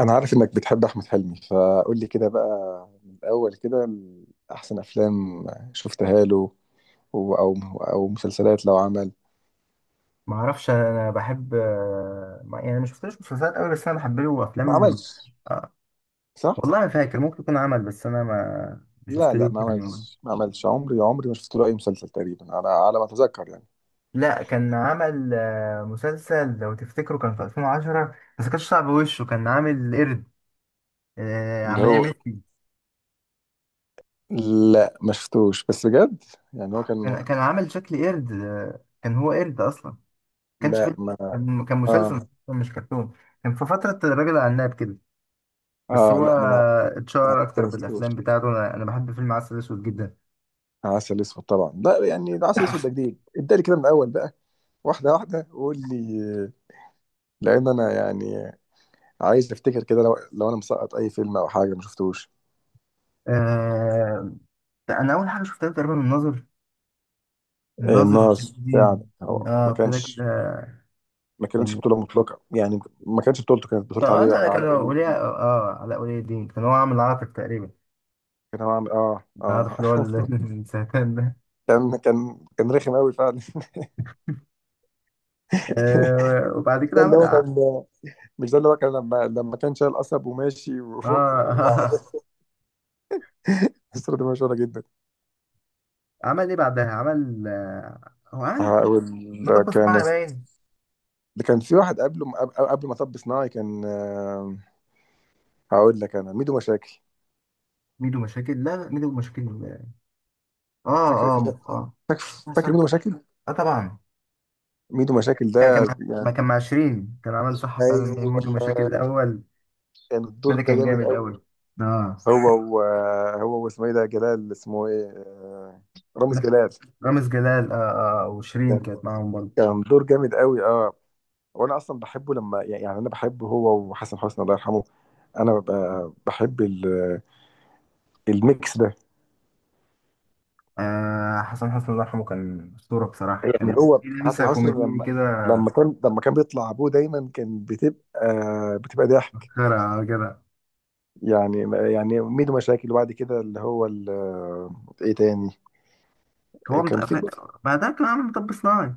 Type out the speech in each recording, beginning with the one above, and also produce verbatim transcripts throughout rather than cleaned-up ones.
انا عارف انك بتحب احمد حلمي، فقول لي كده بقى من الاول كده. ال- احسن افلام شفتها له و- او او مسلسلات لو عمل. ما اعرفش انا بحب آه، ما يعني ما شفتلوش مسلسلات قوي، بس انا بحب له ما افلام. عملش؟ آه، صح. والله ما فاكر ممكن يكون عمل، بس انا ما ما لا، لا، شفتلوش ما يعني. عملش، ما عملش. عمري، عمري ما شفت له اي مسلسل تقريبا على على ما اتذكر يعني. لا، كان عمل آه، مسلسل لو تفتكروا كان في ألفين وعشرة، بس كانش صعب وشه، كان عامل قرد. آه، اللي عملية هو، ميسي. لا ما شفتوش بس بجد يعني. هو كان كان كان عامل شكل قرد. آه، كان هو قرد اصلا. كانش لا فيلم. ما كان كان اه مسلسل مش كرتون. كان في فترة الراجل العناب كده. بس اه هو لا ما انا، ما أنا اتشهر كده اكتر ما شفتوش. بالافلام بتاعته. انا أنا بحب فيلم عسل اسود جدا. عسل اسود طبعا، لا يعني ده عسل اسود ده جديد. ادالي كده من الاول بقى، واحده واحده وقول لي. لان انا يعني عايز افتكر كده لو لو انا مسقط اي فيلم او حاجه ما شفتوش. آه. انا اول حاجه شفتها تقريبا الناظر. آه، الناظر آه. الناس فعلا، الدين. هو اه، ما ابتدى كده. كانش ما كانتش كان بطوله مطلقه يعني. ما كانتش بطولته، كانت بطوله اه لا، علي لا، كان علاء ولي ولي الدين. اه علاء ولي الدين كان هو عامل عاطف تقريبا. كان هو عامل اه العاطف. آه. اه اللي هو ال- السرطان ده. كان كان كان رخم قوي فعلا آه وبعد كده ده اللي عمل هو اه كان، مش ده اللي هو كان لما لما كان شايل قصب وماشي و- آه. وعربية الصورة دي مشهورة جدا. عمل ايه بعدها؟ عمل آه هو عمل افلام. هقول. مطب كان، صناعي باين. ده كان في واحد قبله قبل قبل ما طب صناعي كان. آه، هقول لك: انا ميدو مشاكل. ميدو مشاكل. لا، لا، ميدو مشاكل. اه، فاكر انت؟ اه، اه. فاكر؟ آه، فاكر صح. ميدو مشاكل؟ آه، طبعا. ميدو مشاكل ده، كان كان مع- ما يعني كان مع شيرين، كان عمل صح فعلا ايوه، ميدو مشاكل الاول. كان الدور ده ده كان جامد جامد قوي. قوي. اه. هو و... هو واسمه ايه ده؟ جلال، اسمه ايه آه، رامز جلال. رامز جلال. آه، آه، وشيرين يعني كانت معاهم برضه. كان دور جامد قوي اه. وانا اصلا بحبه لما، يعني انا بحبه هو وحسن حسني الله يرحمه. انا ببقى بحب ال... الميكس ده. آه، حسن، حسن الله يرحمه كان أسطورة بصراحة، يعني كان هو في لمسة حسن حسني كوميدية لما كده. لما كان لما كان بيطلع ابوه دايما كان بتبقى بتبقى ضحك خيرة كده. يعني. يعني ميدو مشاكل، وبعد كده اللي هو ال... آه، ايه تاني؟ هو مت... كان في، بعدها كان عامل مطب صناعي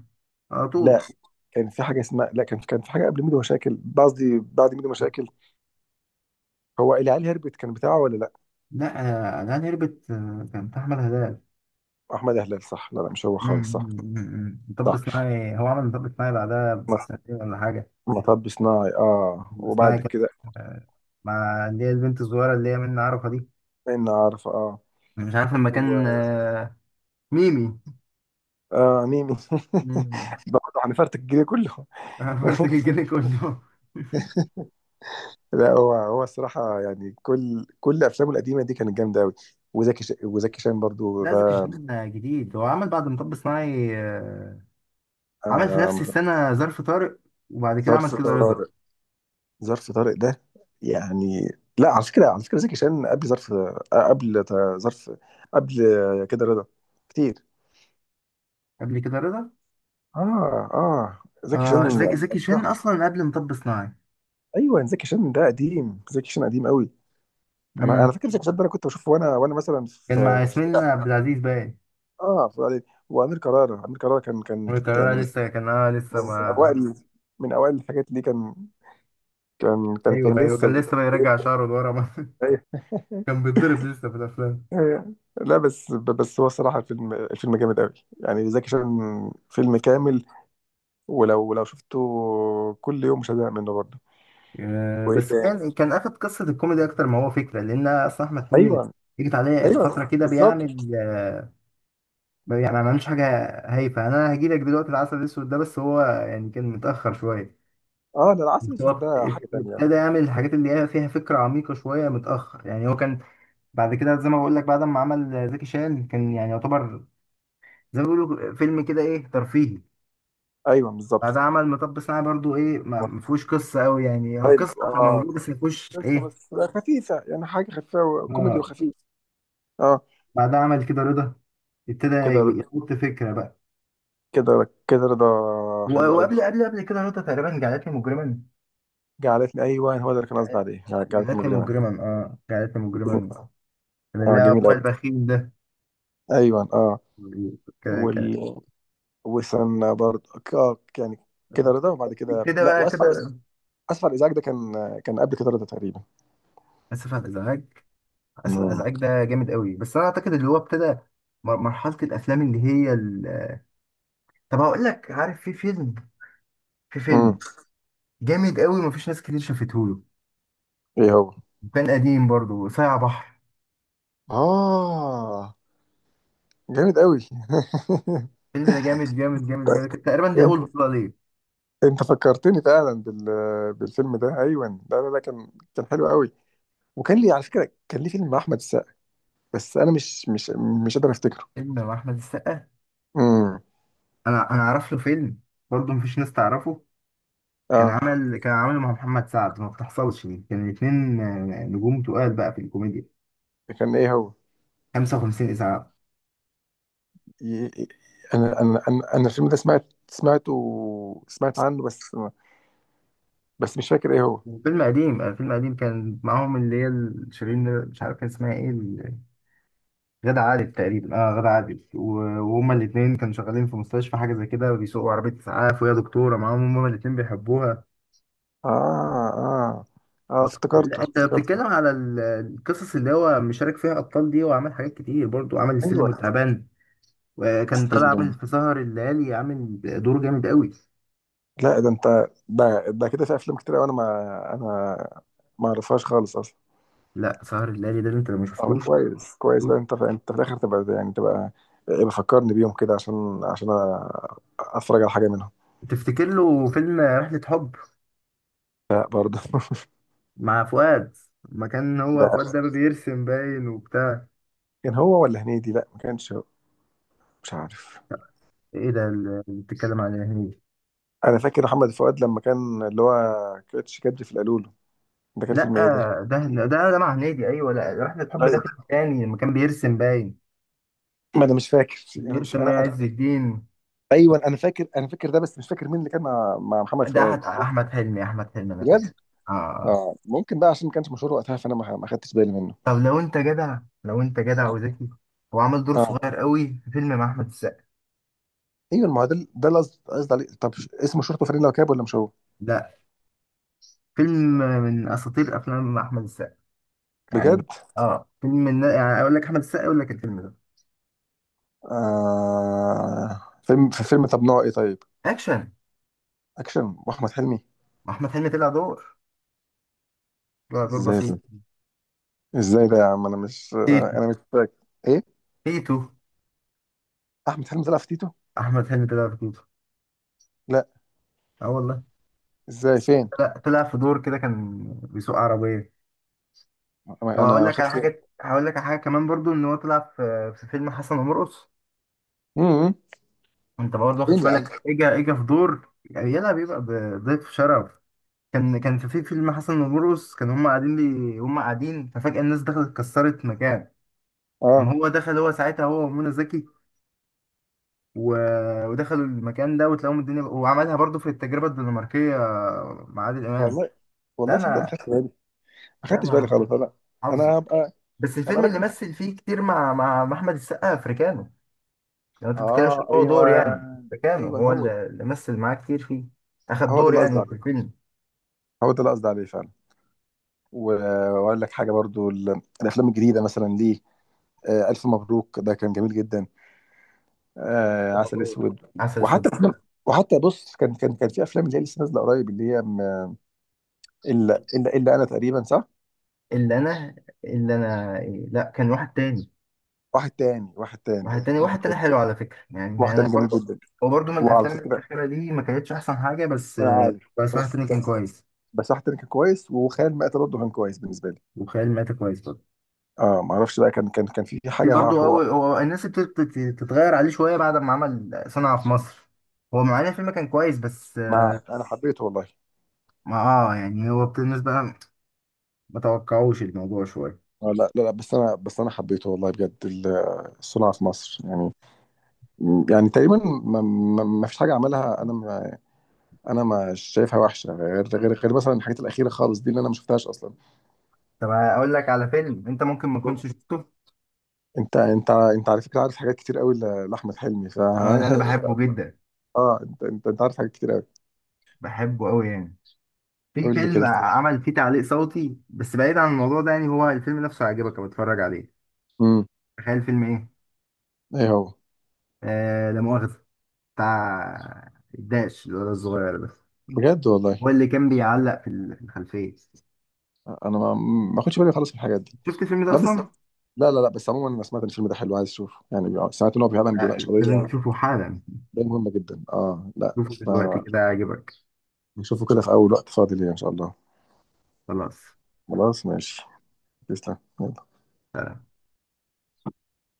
على لا طول. كان في حاجه اسمها، لا كان في كان في حاجه قبل ميدو مشاكل، قصدي بعد ميدو مشاكل. هو العيال هربت كان بتاعه ولا لا؟ لا، آه، جعان هربت. آه، كان بتاع احمد هلال. احمد هلال صح، لا لا مش هو خالص صح. أمم. مطب صح. صناعي. هو عمل مطب صناعي بعدها مط- بسنتين ولا حاجة. مطب صناعي اه، مطب صناعي وبعد كان كده مع اللي هي البنت الصغيرة اللي هي منى عرفة دي. ان عارف اه أنا مش عارف لما و... كان آه، ميمي. اه ميمي مم. برضه هنفرتك الجيل كله برتجي كله. لا، هو هو الصراحه يعني كل كل افلامه القديمه دي كانت جامده قوي. وزكي ش... وزكي شان برضه لا، زكي ده شان جديد. هو عمل بعد مطب صناعي آه، عمل في نفس آه... السنة ظرف طارق، وبعد كده عمل ظرف ظرف كده رضا طارق. طارق. ظرف طارق ده يعني، لا على فكره، على فكره زكي شان قبل ظرف آه، قبل تا- ظرف، قبل كده رضا كتير. قبل كده رضا. اه اه زكي آه شان. زكي زكي شان. زكي شان أصلا قبل مطب صناعي. ايوه، زكي شان ده قديم، زكي شان قديم قوي. انا مم. انا فاكر زكي شان ده، انا كنت بشوفه وانا وانا مثلا في، كان مع في، ياسمين لا، عبد العزيز باين، اه في إعدادي. وامير كرارة، امير كرارة كان كان وكان يعني لسه، كان اه لسه من ما... اوائل، من اوائل الحاجات اللي كان كان كان ايوه، كان ايوه، كان لسه لسه بيرجع بيبدأ. شعره لورا ما- أيوة. كان بيتضرب لسه في الافلام. أيوة. لا، بس بس هو صراحة الفيلم الفيلم جامد قوي. يعني زكي شان فيلم كامل. ولو لو شفته كل يوم مش هزهق منه برضه. آه، وايه بس تاني؟ كان كان اخد قصه الكوميدي اكتر ما هو فكره، لان اصلا احمد حلمي ايوه، جيت عليه ايوه، فتره كده بالظبط. بيعمل آه، ما- يعني ما عملوش حاجة. هايفة. أنا هجيلك دلوقتي. العسل الأسود ده بس هو يعني كان متأخر شوية. اه، ده العسل بس الاسود هو ده حاجة تانية. ابتدى يعمل الحاجات اللي هي فيها فكرة عميقة شوية متأخر، يعني هو كان بعد كده زي ما بقول لك، بعد ما عمل زكي شان كان يعني يعتبر زي ما بيقولوا فيلم كده إيه ترفيهي. ايوه بالظبط. بعد عمل مطب صناعي برضو إيه، ما ما فيهوش قصة أوي، يعني هو حلو قصة اه. موجودة بس ما فيهوش بس إيه. بس خفيفة، يعني حاجة خفيفة كوميدي آه. وخفيف اه. بعدها عمل كده رضا. ابتدى كده يحط فكرة بقى. كده كده رضا. و- حلو قوي. وقبل، قبل قبل كده رضا تقريبا، جعلتني مجرما. جعلتني، ايوه هو ده اللي كان قصدي عليه، جعلتني جعلتني مجرما. مجرما، اه، جعلتني مجرما. كان اه اللي جميل هو قوي. البخيل ده. ايوه اه. ك- وال ك- وسنا برضه ك- آه، يعني. كده رضا، وبعد كده كده لا بقى، كده. واسفل. اسفل ازعاج ده كان، كان قبل كده رضا تقريبا. اسف على الازعاج. اسف على امم الازعاج ده جامد قوي، بس انا اعتقد اللي هو ابتدى مر- مرحله الافلام اللي هي ال... طب هقول لك. عارف في فيلم في فيلم امم جامد قوي مفيش ناس كتير شافته له. ايه هو؟ كان قديم برضه، صايع بحر. اه جامد قوي. الفيلم ده جامد جامد جامد جامد. كانت تقريبا دي انت، اول بطوله ليه. انت فكرتني فعلا بال... بالفيلم ده. ايوه لا لا لا، كان كان حلو قوي. وكان لي على فكره، كان لي فيلم مع احمد السقا، بس انا مش مش مش قادر افتكره. فيلم مع احمد السقا؟ امم انا انا اعرف له فيلم برضه مفيش ناس تعرفه. كان اه. عامل كان عامله مع محمد سعد ما بتحصلش دي. كان الاتنين آه، نجوم تقال بقى في الكوميديا. كان ايه هو؟ خمسة وخمسين إسعاف. ي... انا انا انا أنا الفيلم ده سمعت سمعته سمعت عنه، بس بس مش فاكر ايه هو. فيلم قديم، آه، فيلم قديم كان معاهم اللي هي ال- شيرين، مش عارف كان اسمها ايه، ال- غادة عادل تقريبا. اه غادة عادل، و- وهما الاتنين كانوا شغالين في مستشفى حاجة زي كده، بيسوقوا عربية إسعاف وهي دكتورة معاهم، هما الاتنين بيحبوها. اه اه اه افتكرته، لا، انت افتكرته. بتتكلم على ال- القصص اللي هو مشارك فيها ابطال دي. وعمل حاجات كتير برضو، عمل السلم ايوه. والتعبان، وكان طالع سلم، عامل في سهر الليالي، عامل دور جامد قوي. لا ده انت، ده ده كده في افلام كتير أوي انا ما انا ما اعرفهاش خالص اصلا. لا، سهر الليالي ده اللي انت لو ما اه شفتوش. كويس، كويس بقى. انت في، انت في الاخر تبقى، يعني تبقى بفكرني بيهم كده، عشان عشان أ- اتفرج على حاجه منهم. تفتكر له فيلم رحلة حب لا برضه مع فؤاد؟ ما كان هو ده فؤاد ده بيرسم باين وبتاع. كان هو ولا هنيدي؟ لا، ما كانش هو، مش عارف. ايه ده اللي بتتكلم عليه؟ هنيدي؟ انا فاكر محمد فؤاد لما كان اللي هو كاتش كدري في القالولو. ده كان لا، فيلم ايه ده؟ ده، ده ده مع هنيدي، ايوه. لا، رحلة حب ده فيلم ايوه تاني لما كان بيرسم باين. ما انا مش فاكر، انا مش بيرسم باين انا عز الدين ايوه انا فاكر. انا فاكر ده، بس مش فاكر مين اللي كان مع مع محمد ده فؤاد. أحد- احمد حلمي. احمد حلمي، انا فاكر. بجد. اه، آه. اه ممكن بقى، عشان ما كانش مشهور وقتها، فانا ما ما خدتش بالي منه طب لو انت جدع، لو انت جدع اه. وذكي، هو عمل دور صغير اه قوي في فيلم مع احمد السقا. ايوه، ما هو ده، ده اللي قصد- قصدي عليه. طب ش- اسمه شرطه فريد لوكاب ولا مش هو؟ لا، فيلم من اساطير افلام مع احمد السقا يعني. بجد. اه، فيلم من، يعني اقول لك احمد السقا يقول لك الفيلم ده. آه، فيلم في فيلم. طب نوعه ايه طيب؟ اكشن. اكشن واحمد حلمي؟ احمد حلمي طلع دور طلع دور ازاي ده؟ بسيط. ازاي ده يا عم؟ انا مش تيتو. انا مش فاكر ايه. تيتو. احمد حلمي طلع في تيتو؟ احمد حلمي طلع في تيتو. لا، اه والله. ازاي؟ فين؟ لا، طلع في دور كده كان بيسوق عربيه. طب انا هقول ما لك على خدتش بالي. حاجه، هقول لك على حاجه كمان برضو ان هو طلع في في فيلم حسن ومرقص. امم انت برضه واخدش فين يا عم؟ بالك. اجا اجا في دور، يعني يلا بيبقى ضيف شرف. كان كان في في فيلم حسن ومرقص، كان هم قاعدين لي، هم قاعدين ففجاه الناس دخلت كسرت مكان، اه اما هو دخل، هو ساعتها، هو ومنى زكي و... ودخلوا المكان ده وتلاقوهم الدنيا. وعملها برضو في التجربة الدنماركية مع عادل إمام. والله. لا والله صدق ما أنا خدتش بالي، ما لا، خدتش بالي ما خالص انا. حافظه. انا هبقى بس هبقى الفيلم اللي اركز. مثل فيه كتير مع مع مع أحمد السقا أفريكانو. يعني أنت ما بتتكلمش إن اه، هو ايوه، دور يعني. أفريكانو ايوه هو هو اللي ده. اللي مثل معاه كتير فيه. أخد هو ده دور اللي قصدي يعني في عليه، الفيلم. هو ده اللي قصدي عليه فعلا. و- واقول لك حاجه برضو، ال- الافلام الجديده مثلا ليه: آه، الف مبروك ده كان جميل جدا، آه، عسل مبروك. اسود. عسل أسود. وحتى أفلام- وحتى بص، كان كان كان في افلام اللي هي لسه نازله قريب، اللي هي م- الا الا الا انا تقريبا صح. اللي أنا اللي أنا لا، كان واحد تاني. واحد تاني، واحد تاني، واحد تاني، واحد واحد تاني، تاني. حلو على فكرة، يعني واحد أنا تاني جميل برضو جدا. هو برضه من وعلى الأفلام فكره الأخيرة دي، ما كانتش أحسن حاجة. بس انا عارف، بس واحد بس تاني كان بس كويس، بس واحد تاني كان كويس، وخيال مآتة برضه كان كويس بالنسبه لي. وخيال مآتة كويس برضه. اه ما اعرفش بقى، كان كان كان في في حاجه مع برضه، هو. أول هو الناس ابتدت تت- تتغير عليه شوية بعد ما عمل صنع في مصر. هو معانا الفيلم كان كويس بس آه، مع انا حبيته والله. ما اه يعني هو ابت- الناس بقى ما توقعوش الموضوع شوية. آه لا لا لا، بس انا بس انا حبيته والله بجد. ال- الصناعه في مصر يعني. يعني تقريبا ما, ما, ما فيش حاجه عملها. انا ما انا ما شايفها وحشه، غير غير غير مثلا الحاجات الاخيره خالص دي، اللي انا ما شفتهاش اصلا. طب أقول لك على فيلم أنت ممكن ما كنتش شفته. انت انت انت على فكره عارف حاجات كتير قوي ل- لاحمد حلمي ف اه، ده أنا بحبه جدا، اه، انت انت انت عارف حاجات كتير قوي. بحبه أوي يعني. في قول لي فيلم كده. عمل فيه تعليق صوتي، بس بعيد عن الموضوع ده، يعني هو الفيلم نفسه عجبك بتفرج عليه. امم تخيل فيلم إيه؟ ايه هو؟ آه لا مؤاخذة. بتاع الداش، الولد الصغير ده بجد والله. هو اللي كان بيعلق في ال- في الخلفية. انا ما ما اخدش بالي خالص من الحاجات دي. شفت الفيلم ده لا بس اصلا؟ لا لا لا، بس عموما انا سمعت ان الفيلم ده حلو، عايز اشوفه يعني. بي- سمعت ان هو فعلا لا، بيناقش لازم قضيه، تشوفه حالا. قضيه مهمه جدا اه. لا، شوفه دلوقتي كده هيعجبك. فنشوفه كده في اول وقت فاضي ليا ان شاء الله. خلاص. خلاص ماشي. تسلم يلا.